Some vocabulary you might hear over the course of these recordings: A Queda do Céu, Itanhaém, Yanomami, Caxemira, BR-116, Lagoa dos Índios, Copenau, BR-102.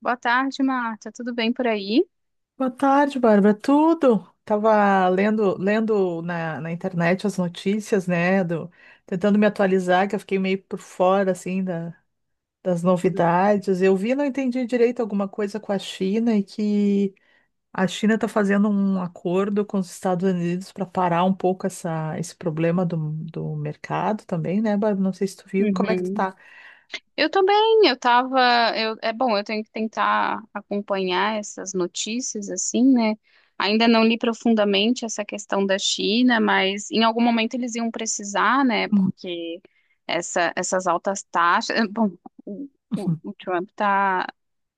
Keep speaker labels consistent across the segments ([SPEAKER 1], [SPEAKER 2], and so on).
[SPEAKER 1] Boa tarde, Marta. Tudo bem por aí?
[SPEAKER 2] Boa tarde, Bárbara. Tudo? Tava lendo na internet as notícias, né? Tentando me atualizar, que eu fiquei meio por fora, assim, das
[SPEAKER 1] Tudo.
[SPEAKER 2] novidades. Eu vi, não entendi direito alguma coisa com a China e que a China está fazendo um acordo com os Estados Unidos para parar um pouco esse problema do mercado também, né, Bárbara? Não sei se tu viu. Como é que tu
[SPEAKER 1] Uhum.
[SPEAKER 2] tá?
[SPEAKER 1] Eu tô bem. Eu tava. É bom, eu tenho que tentar acompanhar essas notícias, assim, né? Ainda não li profundamente essa questão da China, mas em algum momento eles iam precisar, né?
[SPEAKER 2] Uhum,
[SPEAKER 1] Porque essas altas taxas. Bom, o, o-
[SPEAKER 2] uhum,
[SPEAKER 1] o Trump tá,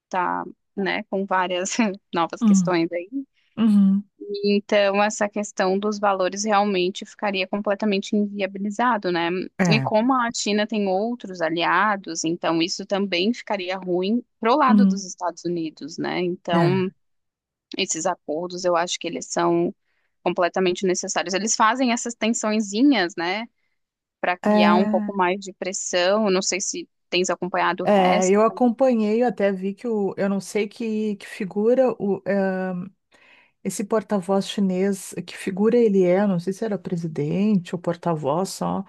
[SPEAKER 1] tá, né, com várias novas
[SPEAKER 2] uhum,
[SPEAKER 1] questões aí.
[SPEAKER 2] uhum.
[SPEAKER 1] Então, essa questão dos valores realmente ficaria completamente inviabilizado, né? E
[SPEAKER 2] É.
[SPEAKER 1] como a China tem outros aliados, então isso também ficaria ruim pro lado
[SPEAKER 2] Uhum,
[SPEAKER 1] dos Estados Unidos, né?
[SPEAKER 2] é.
[SPEAKER 1] Então, esses acordos, eu acho que eles são completamente necessários. Eles fazem essas tensõezinhas, né, para criar um
[SPEAKER 2] É.
[SPEAKER 1] pouco mais de pressão. Não sei se tens acompanhado o
[SPEAKER 2] É,
[SPEAKER 1] resto.
[SPEAKER 2] eu acompanhei, eu até vi eu não sei que figura esse porta-voz chinês, que figura ele é, não sei se era presidente ou porta-voz só,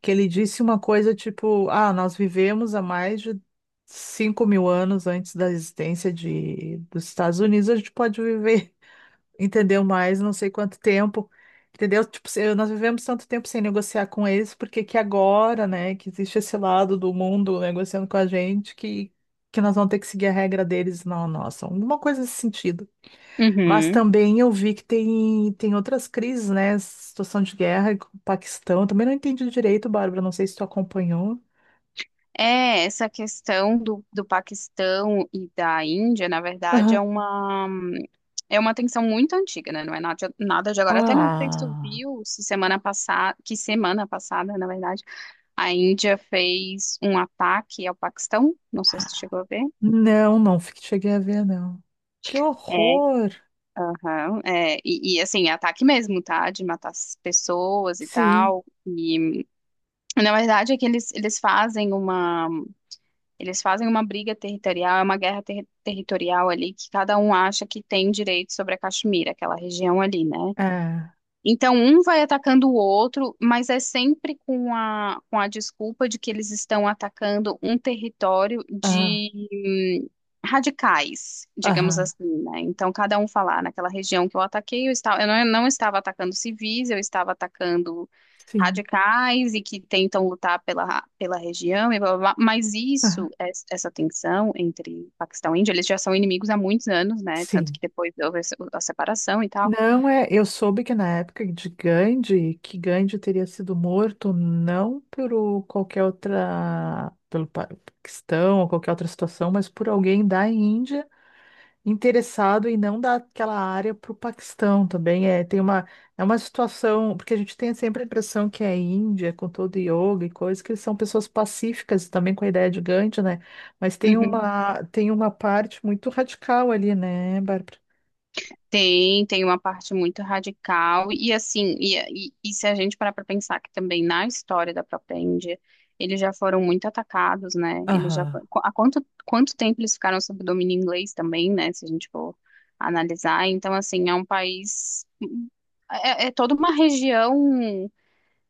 [SPEAKER 2] que ele disse uma coisa tipo, nós vivemos há mais de 5.000 anos antes da existência dos Estados Unidos. A gente pode viver entendeu mais não sei quanto tempo, entendeu? Tipo, nós vivemos tanto tempo sem negociar com eles, porque que agora, né, que existe esse lado do mundo negociando com a gente, que nós vamos ter que seguir a regra deles, não a nossa, alguma coisa nesse sentido. Mas
[SPEAKER 1] Uhum.
[SPEAKER 2] também eu vi que tem outras crises, né, situação de guerra com o Paquistão, eu também não entendi direito, Bárbara, não sei se tu acompanhou.
[SPEAKER 1] É, essa questão do Paquistão e da Índia, na verdade, é
[SPEAKER 2] Aham.
[SPEAKER 1] uma, é uma tensão muito antiga, né? Não é nada, nada de agora. Até não sei se tu
[SPEAKER 2] Ah,
[SPEAKER 1] viu se semana passada, que semana passada, na verdade, a Índia fez um ataque ao Paquistão. Não sei se tu chegou a ver.
[SPEAKER 2] não, não, cheguei a ver, não. Que
[SPEAKER 1] É,
[SPEAKER 2] horror!
[SPEAKER 1] aham, é ataque mesmo, tá? De matar as pessoas e
[SPEAKER 2] Sim.
[SPEAKER 1] tal. E na verdade é que eles fazem uma briga territorial, é uma guerra territorial ali que cada um acha que tem direito sobre a Caxemira, aquela região ali, né?
[SPEAKER 2] É,
[SPEAKER 1] Então, um vai atacando o outro, mas é sempre com a desculpa de que eles estão atacando um território
[SPEAKER 2] é.
[SPEAKER 1] de radicais, digamos
[SPEAKER 2] Aham,
[SPEAKER 1] assim, né? Então, cada um falar naquela região que eu ataquei, eu não estava atacando civis, eu estava atacando
[SPEAKER 2] sim,
[SPEAKER 1] radicais e que tentam lutar pela região, e blá, blá, blá.
[SPEAKER 2] aham,
[SPEAKER 1] Essa tensão entre Paquistão e Índia, eles já são inimigos há muitos anos, né? Tanto
[SPEAKER 2] sim.
[SPEAKER 1] que depois houve a se- a separação e tal.
[SPEAKER 2] Não é, eu soube que na época de Gandhi, que Gandhi teria sido morto não qualquer outra, pelo questão ou qualquer outra situação, mas por alguém da Índia interessado em não dar aquela área para o Paquistão também. É, é uma situação, porque a gente tem sempre a impressão que é Índia, com todo yoga e coisa, que eles são pessoas pacíficas, também com a ideia de Gandhi, né? Mas tem
[SPEAKER 1] Uhum.
[SPEAKER 2] uma, tem uma parte muito radical ali, né, Bárbara?
[SPEAKER 1] Tem uma parte muito radical, e assim, e se a gente parar para pensar que também na história da própria Índia, eles já foram muito atacados, né? Eles já
[SPEAKER 2] Aham,
[SPEAKER 1] fo- qu- há quanto tempo eles ficaram sob domínio inglês também, né? Se a gente for analisar. Então, assim, é um país, é toda uma região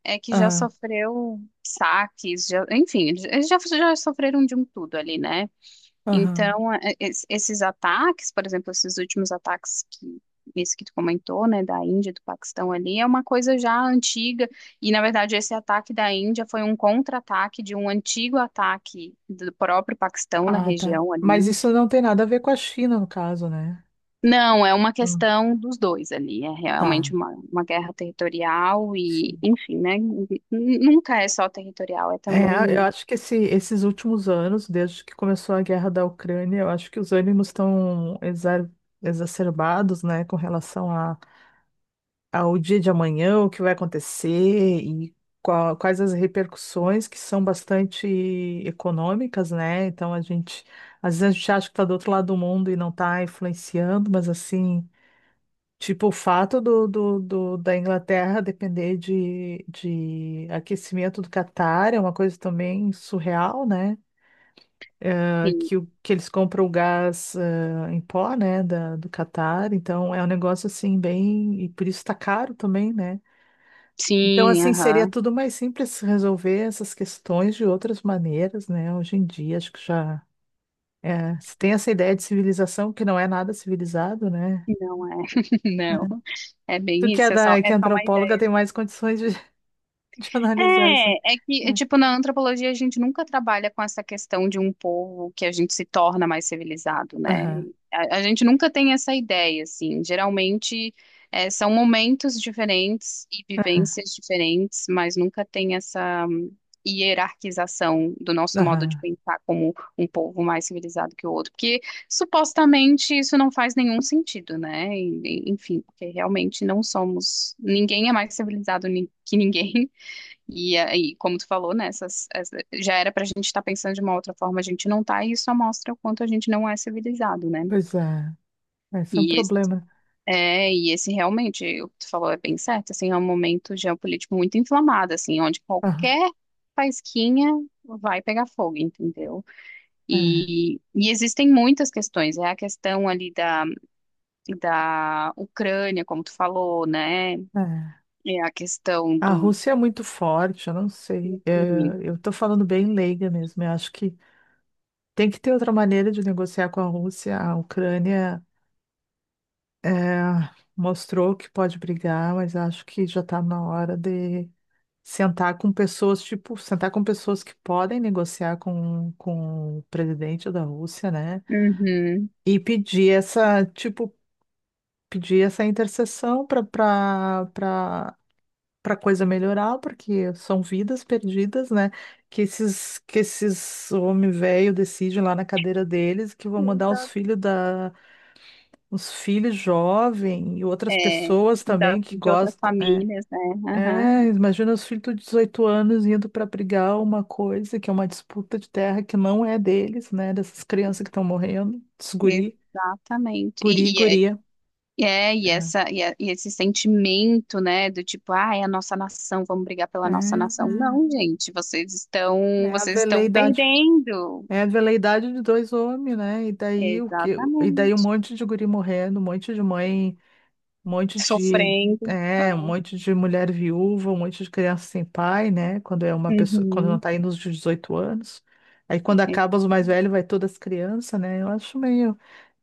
[SPEAKER 1] que já
[SPEAKER 2] aham,
[SPEAKER 1] sofreu saques, já, enfim, eles já sofreram de um tudo ali, né?
[SPEAKER 2] aham.
[SPEAKER 1] Então, esses ataques, por exemplo, esses últimos ataques que esse que tu comentou, né, da Índia, do Paquistão ali, é uma coisa já antiga, e na verdade esse ataque da Índia foi um contra-ataque de um antigo ataque do próprio Paquistão na
[SPEAKER 2] Ah, tá.
[SPEAKER 1] região
[SPEAKER 2] Mas
[SPEAKER 1] ali.
[SPEAKER 2] isso não tem nada a ver com a China, no caso, né?
[SPEAKER 1] Não, é uma
[SPEAKER 2] Hum,
[SPEAKER 1] questão dos dois ali, é
[SPEAKER 2] tá.
[SPEAKER 1] realmente uma guerra territorial e,
[SPEAKER 2] Sim.
[SPEAKER 1] enfim, né, nunca é só territorial, é
[SPEAKER 2] É, eu
[SPEAKER 1] também,
[SPEAKER 2] acho que esses últimos anos, desde que começou a guerra da Ucrânia, eu acho que os ânimos estão exacerbados, né, com relação ao dia de amanhã, o que vai acontecer e quais as repercussões que são bastante econômicas, né? Então a gente, às vezes a gente acha que está do outro lado do mundo e não está influenciando, mas assim. Tipo, o fato da Inglaterra depender de aquecimento do Catar é uma coisa também surreal, né? Ah,
[SPEAKER 1] enfim,
[SPEAKER 2] Que, o- que eles compram o gás, em pó, né, do Catar. Então, é um negócio assim, bem. E por isso tá caro também, né? Então,
[SPEAKER 1] sim,
[SPEAKER 2] assim, seria
[SPEAKER 1] aham.
[SPEAKER 2] tudo mais simples resolver essas questões de outras maneiras, né? Hoje em dia, acho que já. É, se tem essa ideia de civilização que não é nada civilizado, né?
[SPEAKER 1] Não é, não. É
[SPEAKER 2] Tu
[SPEAKER 1] bem
[SPEAKER 2] que é,
[SPEAKER 1] isso, é só,
[SPEAKER 2] da, que
[SPEAKER 1] é
[SPEAKER 2] é
[SPEAKER 1] só mais
[SPEAKER 2] antropóloga tem mais condições de de analisar isso.
[SPEAKER 1] é que,
[SPEAKER 2] É.
[SPEAKER 1] tipo, na antropologia a gente nunca trabalha com essa questão de um povo que a gente se torna mais civilizado, né?
[SPEAKER 2] Aham,
[SPEAKER 1] A gente nunca tem essa ideia, assim. Geralmente são momentos diferentes e vivências diferentes, mas nunca tem essa hierarquização do nosso modo de
[SPEAKER 2] aham,
[SPEAKER 1] pensar como um povo mais civilizado que o outro, porque supostamente isso não faz nenhum sentido, né? Enfim, porque realmente não somos, ninguém é mais civilizado que ninguém. E aí, como tu falou, né, já era pra gente estar pensando de uma outra forma, a gente não tá, e isso só mostra o quanto a gente não é civilizado, né?
[SPEAKER 2] pois é, esse é um
[SPEAKER 1] E esse,
[SPEAKER 2] problema.
[SPEAKER 1] e esse realmente, o que tu falou é bem certo, assim, é um momento geopolítico muito inflamado, assim, onde
[SPEAKER 2] Aham,
[SPEAKER 1] qualquer faisquinha vai pegar fogo, entendeu?
[SPEAKER 2] é,
[SPEAKER 1] E existem muitas questões, é a questão ali da Ucrânia, como tu falou, né?
[SPEAKER 2] é.
[SPEAKER 1] É a questão
[SPEAKER 2] A
[SPEAKER 1] do.
[SPEAKER 2] Rússia é muito forte, eu não sei. É, eu tô falando bem leiga mesmo. Eu acho que tem que ter outra maneira de negociar com a Rússia. A Ucrânia é, mostrou que pode brigar, mas acho que já está na hora de sentar com pessoas, tipo, sentar com pessoas que podem negociar com o presidente da Rússia, né?
[SPEAKER 1] Uhum.
[SPEAKER 2] E pedir essa, tipo, pedir essa intercessão para coisa melhorar, porque são vidas perdidas, né? Que esses homem velho decide lá na cadeira deles que vão mandar os filhos da os filhos jovem e outras
[SPEAKER 1] É,
[SPEAKER 2] pessoas também que
[SPEAKER 1] de outras
[SPEAKER 2] gostam, é.
[SPEAKER 1] famílias, né? Aham,
[SPEAKER 2] É, imagina os filhos de 18 anos indo para brigar uma coisa que é uma disputa de terra que não é deles, né? Dessas crianças que estão morrendo, esses guri,
[SPEAKER 1] exatamente.
[SPEAKER 2] guri, e guria.
[SPEAKER 1] E
[SPEAKER 2] É.
[SPEAKER 1] essa, e, é- e esse sentimento, né, do tipo, ah, é a nossa nação, vamos brigar
[SPEAKER 2] É,
[SPEAKER 1] pela nossa nação.
[SPEAKER 2] né?
[SPEAKER 1] Não, gente, vocês estão,
[SPEAKER 2] é a
[SPEAKER 1] vocês estão
[SPEAKER 2] veleidade
[SPEAKER 1] perdendo.
[SPEAKER 2] É a veleidade de dois homens, né? E daí o que, e daí um
[SPEAKER 1] Exatamente.
[SPEAKER 2] monte de guri morrendo, um monte de mãe, um monte de,
[SPEAKER 1] Sofrendo. Ah,
[SPEAKER 2] é, um monte de mulher viúva, um monte de criança sem pai, né? Quando é uma pessoa, quando não
[SPEAKER 1] uhum.
[SPEAKER 2] tá indo nos 18 anos. Aí quando
[SPEAKER 1] É.
[SPEAKER 2] acaba os mais velhos, vai todas as crianças, né? Eu acho meio.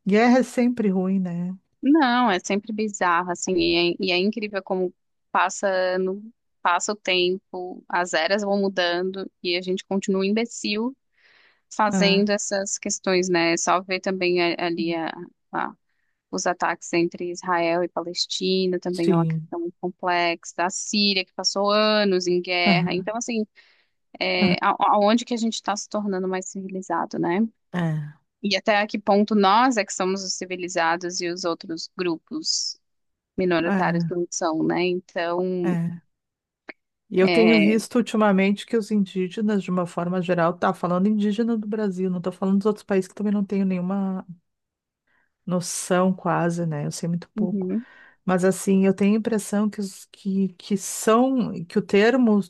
[SPEAKER 2] Guerra é sempre ruim, né?
[SPEAKER 1] Não, é sempre bizarro, assim, e é incrível como passa ano, passa o tempo, as eras vão mudando e a gente continua um imbecil
[SPEAKER 2] É.
[SPEAKER 1] fazendo essas questões, né? É só ver também a- os ataques entre Israel e Palestina, também é uma
[SPEAKER 2] Sim.
[SPEAKER 1] questão muito complexa. A Síria, que passou anos em guerra.
[SPEAKER 2] Aham,
[SPEAKER 1] Então, assim, aonde que a gente está se tornando mais civilizado, né?
[SPEAKER 2] aham.
[SPEAKER 1] E até a que ponto nós é que somos os civilizados e os outros grupos minoritários não são, né?
[SPEAKER 2] É, é,
[SPEAKER 1] Então,
[SPEAKER 2] é. E eu tenho
[SPEAKER 1] é...
[SPEAKER 2] visto ultimamente que os indígenas, de uma forma geral, tá falando indígena do Brasil, não tô falando dos outros países que também não tenho nenhuma noção quase, né? Eu sei muito pouco.
[SPEAKER 1] Uhum,
[SPEAKER 2] Mas assim, eu tenho a impressão que os que são, que o termo,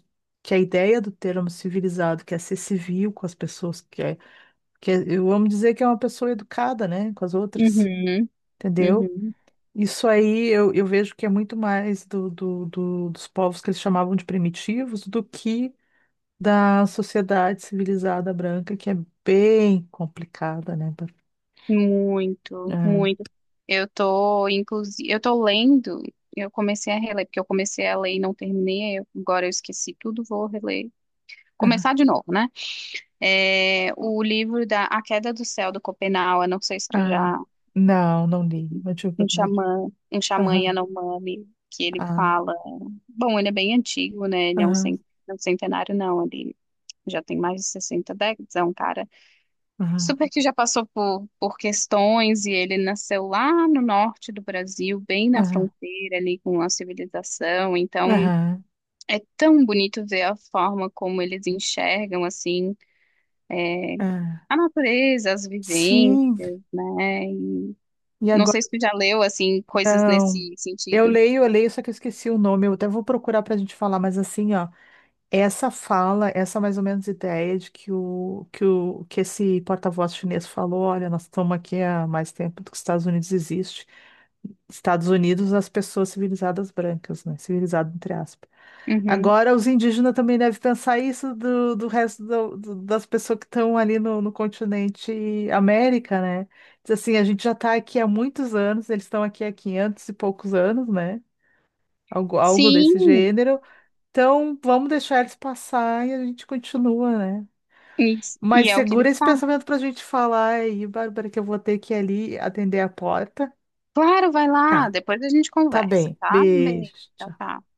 [SPEAKER 2] que a ideia do termo civilizado, que é ser civil com as pessoas, eu amo dizer que é uma pessoa educada, né, com as outras,
[SPEAKER 1] uhum,
[SPEAKER 2] entendeu?
[SPEAKER 1] uhum.
[SPEAKER 2] Isso aí eu vejo que é muito mais dos povos que eles chamavam de primitivos do que da sociedade civilizada branca, que é bem complicada, né? É,
[SPEAKER 1] Muito, muito. Inclusive, eu tô lendo, eu comecei a reler, porque eu comecei a ler e não terminei, agora eu esqueci tudo, vou reler.
[SPEAKER 2] aham,
[SPEAKER 1] Começar de novo, né? É, o livro da A Queda do Céu, do Copenau, eu não sei se tu
[SPEAKER 2] ah,
[SPEAKER 1] já,
[SPEAKER 2] não, não li. Maternidade.
[SPEAKER 1] um xamã
[SPEAKER 2] Aham,
[SPEAKER 1] Yanomami, que ele
[SPEAKER 2] ah,
[SPEAKER 1] fala, bom, ele é bem antigo, né? Ele é um,
[SPEAKER 2] aham,
[SPEAKER 1] cen- é um centenário, não, ele já tem mais de 60 décadas, é um cara
[SPEAKER 2] aham,
[SPEAKER 1] super que já passou por questões e ele nasceu lá no norte do Brasil, bem na
[SPEAKER 2] aham,
[SPEAKER 1] fronteira ali com a civilização. Então
[SPEAKER 2] aham,
[SPEAKER 1] é tão bonito ver a forma como eles enxergam assim é,
[SPEAKER 2] ah.
[SPEAKER 1] a natureza, as vivências,
[SPEAKER 2] Sim,
[SPEAKER 1] né? E
[SPEAKER 2] e
[SPEAKER 1] não
[SPEAKER 2] agora
[SPEAKER 1] sei se tu já leu assim coisas
[SPEAKER 2] não.
[SPEAKER 1] nesse sentido.
[SPEAKER 2] Eu leio, só que eu esqueci o nome. Eu até vou procurar para a gente falar, mas assim, ó, essa fala, essa é mais ou menos ideia de que o que esse porta-voz chinês falou, olha, nós estamos aqui há mais tempo do que os Estados Unidos existem. Estados Unidos, as pessoas civilizadas brancas, né? Civilizado, entre aspas.
[SPEAKER 1] Uhum.
[SPEAKER 2] Agora, os indígenas também devem pensar isso do resto das pessoas que estão ali no continente América, né? Diz assim, a gente já está aqui há muitos anos, eles estão aqui há 500 e poucos anos, né? Algo desse
[SPEAKER 1] Sim,
[SPEAKER 2] gênero. Então, vamos deixar eles passar e a gente continua, né?
[SPEAKER 1] e,
[SPEAKER 2] Mas
[SPEAKER 1] e é o que ele
[SPEAKER 2] segura esse
[SPEAKER 1] fala.
[SPEAKER 2] pensamento para a gente falar aí, Bárbara, que eu vou ter que ir ali atender a porta.
[SPEAKER 1] Claro, vai lá,
[SPEAKER 2] Tá,
[SPEAKER 1] depois a gente
[SPEAKER 2] tá
[SPEAKER 1] conversa,
[SPEAKER 2] bem.
[SPEAKER 1] tá? Um
[SPEAKER 2] Beijo.
[SPEAKER 1] beijo, tchau,
[SPEAKER 2] Tchau.
[SPEAKER 1] tchau.